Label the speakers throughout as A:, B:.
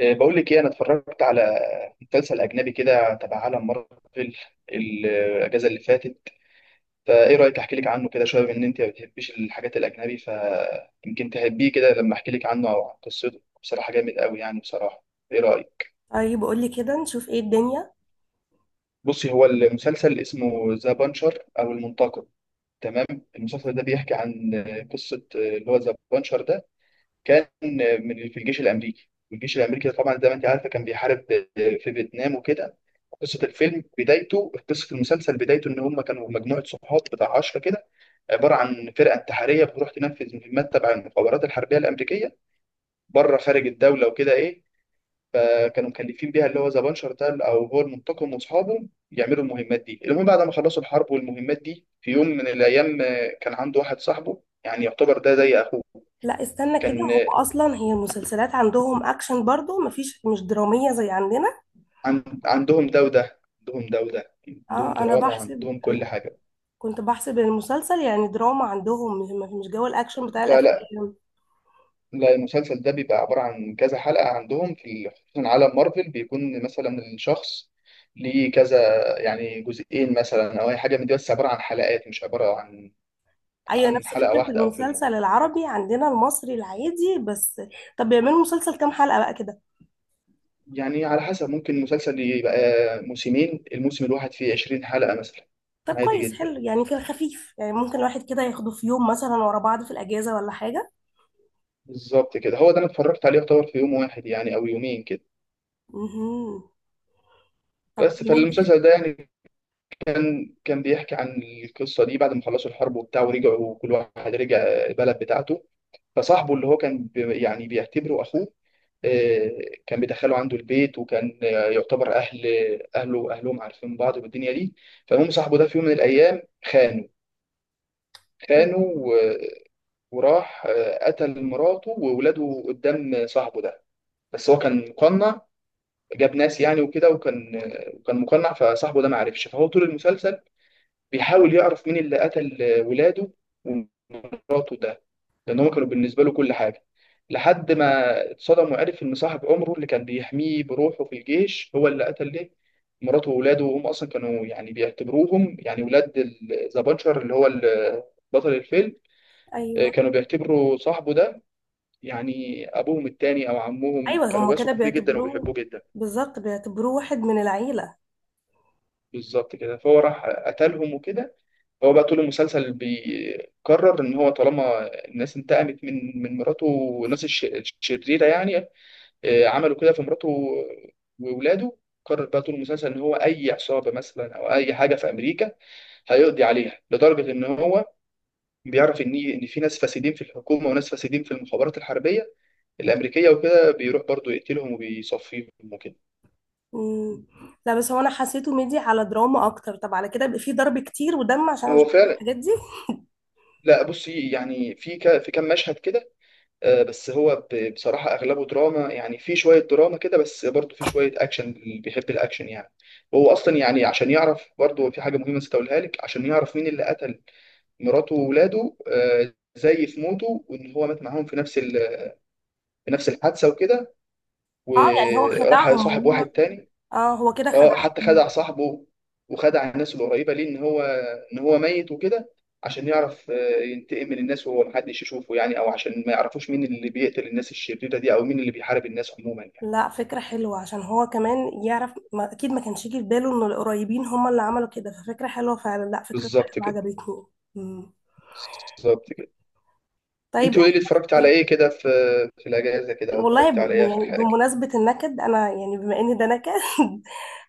A: بقول لك ايه، انا اتفرجت على مسلسل اجنبي كده تبع عالم مارفل الاجازه اللي فاتت. فايه رايك؟ احكي لك عنه كده شويه، بما ان انت ما بتحبيش الحاجات الاجنبي، فيمكن تحبيه كده لما احكي لك عنه او عن قصته. بصراحه جامد قوي يعني، بصراحه ايه رايك؟
B: طيب، قولي كده نشوف ايه الدنيا.
A: بصي، هو المسلسل اسمه ذا بانشر او المنتقم. تمام. المسلسل ده بيحكي عن قصه، اللي هو ذا بانشر ده كان من في الجيش الامريكي، والجيش الامريكي ده طبعا زي ما انت عارفه كان بيحارب في فيتنام وكده. قصه المسلسل بدايته ان هم كانوا مجموعه صحاب بتاع 10 كده، عباره عن فرقه انتحاريه بتروح تنفذ مهمات تبع المخابرات الحربيه الامريكيه بره خارج الدوله وكده ايه. فكانوا مكلفين بيها اللي هو ذا بانشر ده او هو المنتقم واصحابه، يعملوا المهمات دي. المهم بعد ما خلصوا الحرب والمهمات دي، في يوم من الايام كان عنده واحد صاحبه يعني يعتبر ده زي اخوه.
B: لا، استنى كده،
A: كان
B: هو اصلا هي المسلسلات عندهم اكشن برضو، مفيش مش درامية زي عندنا.
A: عن- عندهم ده وده عندهم ده وده، عندهم
B: اه، انا
A: دراما وعندهم كل حاجة.
B: كنت بحسب المسلسل يعني دراما عندهم، مش جو الاكشن بتاع
A: لا، لا،
B: الافلام.
A: لا، المسلسل ده بيبقى عبارة عن كذا حلقة. عندهم في خصوصا عالم مارفل بيكون مثلا الشخص ليه كذا يعني جزئين مثلا او اي حاجه من دي، بس عباره عن حلقات، مش عباره عن
B: ايوه، نفس
A: حلقه
B: فكرة
A: واحده او فيلم واحد.
B: المسلسل العربي عندنا، المصري العادي بس. طب بيعملوا مسلسل كام حلقة بقى كده؟
A: يعني على حسب، ممكن المسلسل يبقى موسمين، الموسم الواحد فيه 20 حلقه مثلا.
B: طب
A: عادي
B: كويس،
A: جدا،
B: حلو يعني، في الخفيف، يعني ممكن الواحد كده ياخده في يوم مثلا ورا بعض في الأجازة ولا حاجة.
A: بالظبط كده. هو ده انا اتفرجت عليه يعتبر في يوم واحد يعني او يومين كده.
B: مهم. طب
A: بس
B: جميل
A: فالمسلسل ده يعني كان بيحكي عن القصه دي. بعد ما خلصوا الحرب وبتاع ورجعوا، كل واحد رجع البلد بتاعته. فصاحبه اللي هو كان يعني بيعتبره اخوه، آه، كان بيدخله عنده البيت، وكان يعتبر اهله واهلهم عارفين بعض والدنيا دي. فالمهم صاحبه ده في يوم من الايام خانه،
B: كده.
A: خانه وراح قتل مراته وولاده قدام صاحبه ده. بس هو كان مقنع، جاب ناس يعني وكده، وكان مقنع فصاحبه ده ما عرفش. فهو طول المسلسل بيحاول يعرف مين اللي قتل ولاده ومراته ده، لان هم كانوا بالنسبه له كل حاجه. لحد ما اتصدم وعرف ان صاحب عمره اللي كان بيحميه بروحه في الجيش هو اللي قتل ليه مراته وولاده، وهم اصلا كانوا يعني بيعتبروهم يعني ولاد ذا بانشر اللي هو بطل الفيلم.
B: أيوه،
A: كانوا بيعتبروا صاحبه ده يعني ابوهم التاني او عمهم،
B: أيوه،
A: كانوا
B: هما كده
A: بيثقوا فيه جدا وبيحبوه
B: بيعتبروه،
A: جدا.
B: بالظبط بيعتبروه واحد من العيلة.
A: بالظبط كده. فهو راح قتلهم وكده. هو بقى طول المسلسل بيقرر ان هو طالما الناس انتقمت من مراته، والناس الشريره يعني عملوا كده في مراته واولاده، قرر بقى طول المسلسل ان هو اي عصابه مثلا او اي حاجه في امريكا هيقضي عليها، لدرجه ان هو بيعرف ان في ناس فاسدين في الحكومه وناس فاسدين في المخابرات الحربيه الامريكيه وكده، بيروح برضه يقتلهم وبيصفيهم وكده.
B: مم. لا بس هو أنا حسيته ميدي على دراما أكتر، طب على كده يبقى فيه ضرب كتير ودم، عشان أنا مش
A: هو
B: بحب
A: فعلا.
B: الحاجات دي.
A: لا بصي، يعني في في كام مشهد كده، بس هو بصراحة أغلبه دراما يعني. في شوية دراما كده، بس برضه في شوية أكشن، اللي بيحب الأكشن يعني. وهو أصلا يعني، عشان يعرف برضه في حاجة مهمة نسيت أقولها لك، عشان يعرف مين اللي قتل مراته وولاده زي في موته وإن هو مات معاهم في في نفس الحادثة وكده،
B: اه، يعني هو
A: وراح
B: خدعهم
A: صاحب
B: وهم.
A: واحد تاني.
B: اه، هو كده
A: اه حتى
B: خدعهم.
A: خدع صاحبه وخدع الناس القريبه ليه ان هو ميت وكده، عشان يعرف ينتقم من الناس وهو محدش يشوفه يعني، او عشان ما يعرفوش مين اللي بيقتل الناس الشريره دي، او مين اللي بيحارب الناس عموما يعني.
B: لا، فكرة حلوة، عشان هو كمان يعرف، ما أكيد ما كانش يجي في باله إن القريبين هم اللي عملوا كده، ففكرة حلوة فعلا. لا، فكرته
A: بالظبط
B: حلوة
A: كده.
B: عجبتني. مم.
A: بالظبط كده.
B: طيب
A: انت وايه
B: أنت
A: اللي اتفرجت على
B: شفت؟
A: ايه كده في الاجازه كده، او
B: والله
A: اتفرجت على ايه اخر
B: يعني
A: حاجه؟
B: بمناسبة النكد، أنا يعني بما إن ده نكد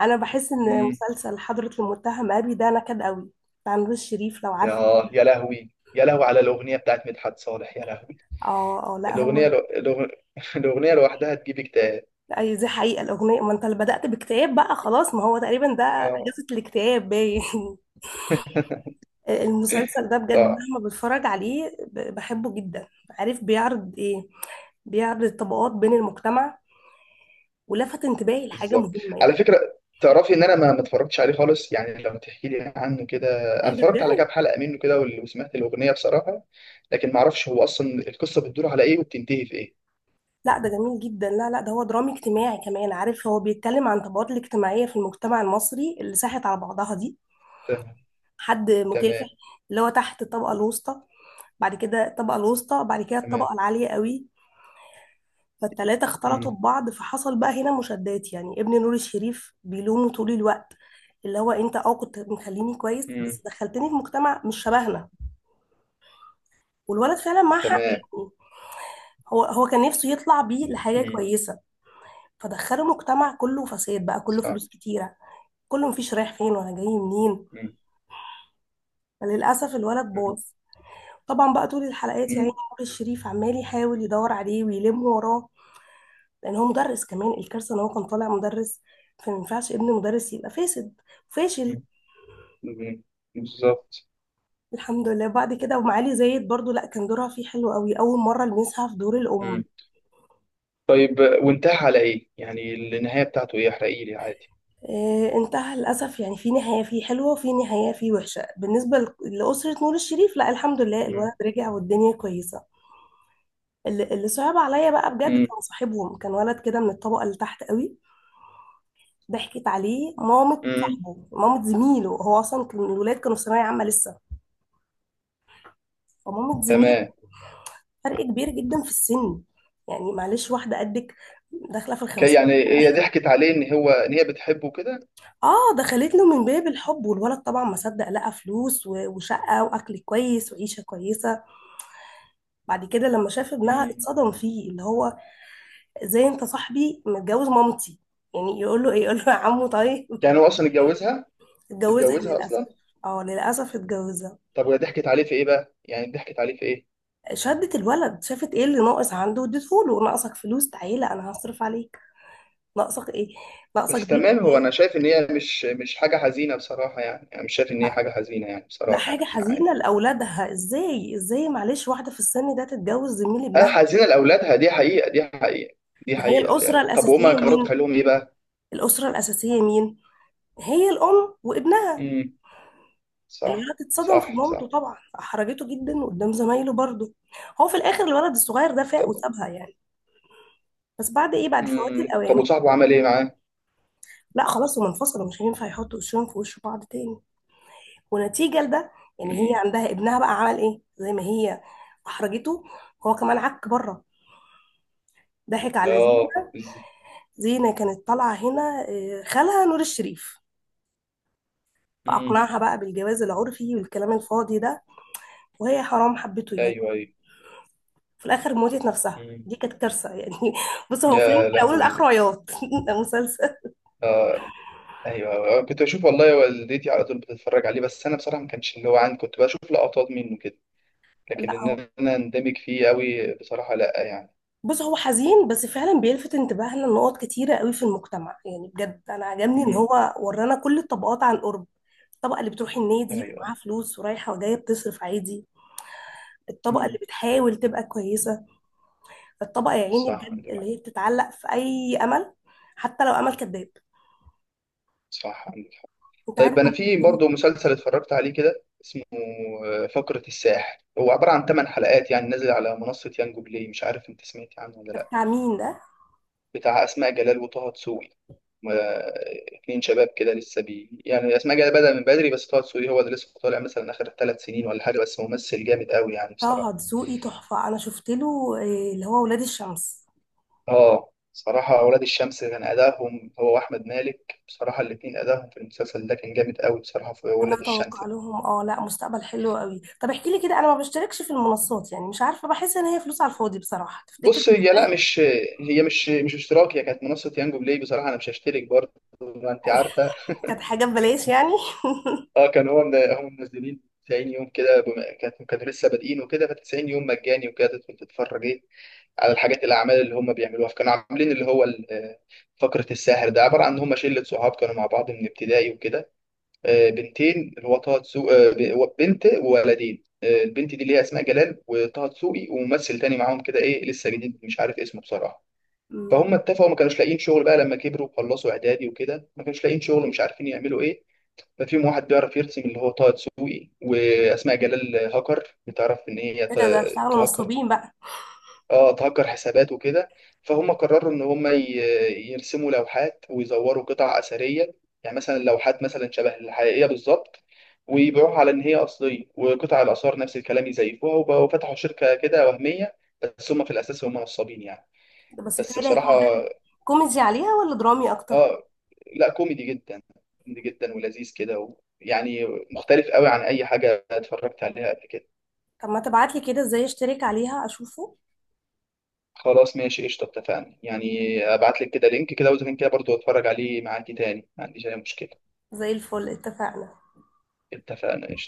B: أنا بحس إن
A: امم.
B: مسلسل حضرة المتهم أبي ده نكد قوي، بتاع نور الشريف لو
A: يا
B: عارفه.
A: لهوي، يا لهوي على الاغنيه بتاعت مدحت صالح، يا لهوي.
B: اه، اه، لا
A: الاغنيه
B: هو
A: لو... الأغ- الاغنيه لوحدها تجيب اكتئاب.
B: أي دي حقيقة. الأغنية، ما أنت اللي بدأت باكتئاب بقى، خلاص، ما هو تقريبا ده
A: اه.
B: أجازة الاكتئاب باين المسلسل ده بجد
A: صح.
B: مهما بتفرج عليه بحبه جدا. عارف بيعرض ايه؟ بيعرض الطبقات بين المجتمع، ولفت انتباهي لحاجة
A: بالظبط.
B: مهمة
A: على
B: يعني.
A: فكره، تعرفي ان انا ما اتفرجتش عليه خالص يعني. لما تحكي لي عنه كده،
B: ايه
A: انا
B: ده
A: اتفرجت على
B: بجد؟
A: كام حلقه منه كده وسمعت الاغنيه بصراحه، لكن ما اعرفش هو اصلا القصه بتدور على ايه وبتنتهي في ايه.
B: لا ده جميل جدا. لا، لا، ده هو درامي اجتماعي كمان. عارف هو بيتكلم عن الطبقات الاجتماعية في المجتمع المصري اللي ساحت على بعضها دي.
A: تمام.
B: حد مكافح،
A: تمام.
B: اللي هو تحت الطبقة الوسطى، بعد كده الطبقة الوسطى، بعد كده
A: تمام.
B: الطبقة العالية قوي. فالتلاتة اختلطوا
A: مم.
B: ببعض، فحصل بقى هنا مشادات يعني. ابن نور الشريف بيلومه طول الوقت، اللي هو انت اه كنت مخليني كويس بس
A: مم.
B: دخلتني في مجتمع مش شبهنا. والولد فعلا معاه حق
A: تمام.
B: يعني. هو كان نفسه يطلع بيه لحاجة
A: مم.
B: كويسة، فدخله مجتمع كله فساد بقى، كله
A: صح.
B: فلوس كتيرة، كله مفيش رايح فين ولا جاي منين،
A: مم.
B: فللأسف الولد
A: مم.
B: باظ. طبعا بقى طول الحلقات يعني
A: مم.
B: نور الشريف عمال يحاول يدور عليه ويلم وراه. لان هو مدرس كمان، الكارثه ان هو كان طالع مدرس، فما ينفعش ابن مدرس يبقى فاسد فاشل.
A: مم. مم. بالظبط.
B: الحمد لله. بعد كده ومعالي زايد برضو، لا كان دورها فيه حلو قوي، اول مره لمسها في دور الام.
A: مم. طيب، وانتهى على ايه يعني؟ النهايه بتاعته ايه؟ احرقي لي عادي.
B: آه، انتهى للاسف يعني، في نهايه فيه حلوه وفي نهايه فيه وحشه بالنسبه لاسره نور الشريف. لا، الحمد لله الولد
A: مم.
B: رجع والدنيا كويسه. اللي صعب عليا بقى بجد،
A: مم.
B: كان صاحبهم كان ولد كده من الطبقه اللي تحت قوي. ضحكت عليه
A: مم.
B: مامة زميله، هو اصلا كان الولاد كانوا في ثانويه عامه لسه. فمامة زميله،
A: تمام.
B: فرق كبير جدا في السن، يعني معلش واحدة قدك داخلة في الخمسين
A: يعني هي ضحكت عليه ان هو ان هي بتحبه
B: اه، دخلت له من باب الحب، والولد طبعا ما صدق لقى فلوس وشقة واكل كويس وعيشة كويسة. بعد كده لما شاف ابنها
A: كده.
B: اتصدم فيه، اللي هو ازاي انت صاحبي متجوز مامتي، يعني يقول له ايه، يقول له يا عمو طيب
A: يعني هو اصلا اتجوزها؟
B: اتجوزها
A: اتجوزها
B: للاسف.
A: اصلا.
B: اه، للاسف اتجوزها.
A: طب وهي ضحكت عليه في ايه بقى يعني؟ ضحكت عليه في ايه؟
B: شدت الولد، شافت ايه اللي ناقص عنده واديته له، ناقصك فلوس، تعالى انا هصرف عليك، ناقصك ايه، ناقصك
A: بس
B: بيت
A: تمام، هو
B: كويس.
A: انا شايف ان هي مش حاجه حزينه بصراحه يعني. انا مش شايف ان هي حاجه حزينه يعني
B: لا،
A: بصراحه
B: حاجة
A: يعني،
B: حزينة
A: عادي.
B: لأولادها، ازاي، ازاي معلش واحدة في السن ده تتجوز زميل
A: أه،
B: ابنها.
A: حزينه لاولادها، دي حقيقه، دي حقيقه، دي
B: ما هي
A: حقيقه
B: الأسرة
A: فعلا. طب وهما
B: الأساسية
A: كانوا رد
B: مين؟
A: فعلهم ايه بقى؟
B: الأسرة الأساسية مين؟ هي الأم وابنها.
A: امم. صح.
B: الولد اتصدم في
A: صح.
B: مامته
A: صح.
B: طبعا، أحرجته جدا قدام زمايله برضه. هو في الآخر الولد الصغير ده فاق
A: طب.
B: وسابها يعني، بس بعد إيه؟ بعد فوات
A: امم. طب
B: الأوان.
A: وصاحبه عمل ايه معاه؟
B: لا خلاص هم انفصلوا، مش هينفع يحطوا وشهم في وش بعض تاني. ونتيجة لده، يعني هي
A: امم.
B: عندها ابنها بقى عمل إيه زي ما هي أحرجته، هو كمان عك بره، ضحك على
A: اه.
B: زينة. زينة كانت طالعة هنا خالها نور الشريف،
A: امم.
B: فأقنعها بقى بالجواز العرفي والكلام الفاضي ده. وهي حرام حبته يعني.
A: ايوه. ايوه.
B: في الآخر موتت نفسها،
A: امم.
B: دي كانت كارثة يعني بص هو فيلم
A: يا
B: من أوله
A: لهوي.
B: لآخره عياط ده مسلسل.
A: اه. ايوه. أيوة. كنت بشوف والله، والدتي على طول بتتفرج عليه، بس انا بصراحه ما كانش اللي هو عندي، كنت بشوف لقطات منه كده، لكن
B: لا هو،
A: ان انا اندمج فيه قوي بصراحه لا يعني.
B: بص هو حزين بس فعلا بيلفت انتباهنا لنقط كتيرة قوي في المجتمع، يعني بجد أنا عجبني إن
A: امم.
B: هو ورانا كل الطبقات عن قرب. الطبقة اللي بتروح النادي
A: ايوه.
B: ومعاها فلوس ورايحة وجاية بتصرف عادي، الطبقة
A: امم.
B: اللي بتحاول تبقى كويسة، الطبقة يا عيني
A: صح
B: بجد
A: عندك حق.
B: اللي هي بتتعلق في أي أمل، حتى لو أمل كذاب.
A: صح عندك حق.
B: أنت عارف
A: طيب انا
B: إن
A: في
B: الشريط
A: برضه مسلسل اتفرجت عليه كده اسمه فقرة الساحل، هو عبارة عن 8 حلقات يعني، نازل على منصة يانجو بلاي. مش عارف انت سمعت عنه ولا
B: ده
A: لا.
B: بتاع مين ده؟
A: بتاع اسماء جلال وطه دسوقي. ما- اتنين شباب كده لسه يعني. اسماء جلال بدأ من بدري، بس طه دسوقي هو اللي لسه طالع مثلا اخر 3 سنين ولا حاجه، بس ممثل جامد قوي يعني
B: طه
A: بصراحه.
B: دسوقي تحفة. أنا شفت له اللي هو ولاد الشمس.
A: اه صراحه، اولاد الشمس كان ادائهم هو واحمد مالك بصراحه، الاثنين ادائهم في المسلسل ده كان جامد قوي بصراحه في
B: أنا
A: اولاد الشمس
B: أتوقع
A: ده.
B: لهم لا، مستقبل حلو قوي. طب احكي لي كده، أنا ما بشتركش في المنصات، يعني مش عارفة، بحس إن هي فلوس على الفاضي بصراحة، تفتكر
A: بص، هي لا
B: تستاهل؟
A: مش هي مش اشتراك، هي كانت منصه يانجو بلاي بصراحه. انا مش هشترك برضه، ما انت عارفه.
B: كانت حاجة ببلاش يعني.
A: اه، كان هو من هم منزلين 90 يوم كده، بما كانوا لسه بادئين وكده، ف 90 يوم مجاني وكده، تدخل تتفرج ايه على الاعمال اللي هم بيعملوها. فكانوا عاملين اللي هو فقره الساحر ده عباره عن ان هم شله صحاب كانوا مع بعض من ابتدائي وكده، بنتين اللي هو طه دسوقي بنت وولدين. البنت دي اللي هي اسماء جلال، وطه دسوقي وممثل تاني معاهم كده ايه لسه جديد مش عارف اسمه بصراحه.
B: أمم،
A: فهم اتفقوا، ما كانوش لاقيين شغل بقى لما كبروا وخلصوا اعدادي وكده، ما كانوش لاقيين شغل ومش عارفين يعملوا ايه. ففيهم واحد بيعرف يرسم اللي هو طه دسوقي، واسماء جلال هاكر بتعرف ان هي
B: إيه ده اشتغلوا
A: تهكر.
B: نصابين بقى.
A: اه، تهكر حسابات وكده. فهم قرروا ان هم يرسموا لوحات ويزوروا قطع اثريه، يعني مثلا لوحات مثلا شبه الحقيقيه بالظبط، ويبيعوها على ان هي اصليه، وقطع الاثار نفس الكلام يزيفوها، وبقوا فتحوا شركه كده وهميه، بس هم في الاساس هم نصابين يعني.
B: ده بس
A: بس
B: بتهيألي
A: بصراحه
B: هيكون ده كوميدي عليها ولا درامي أكتر؟
A: اه، لا كوميدي جدا، كوميدي جدا ولذيذ كده يعني مختلف قوي عن اي حاجه اتفرجت عليها قبل كده.
B: طب ما تبعتلي كده إزاي أشترك عليها أشوفه.
A: خلاص ماشي قشطه، اتفقنا يعني. ابعت لك كده لينك كده، واذا كان كده برضو اتفرج عليه معاكي تاني، ما عنديش اي مشكله.
B: زي الفل، اتفقنا.
A: اتفقنا قشطه.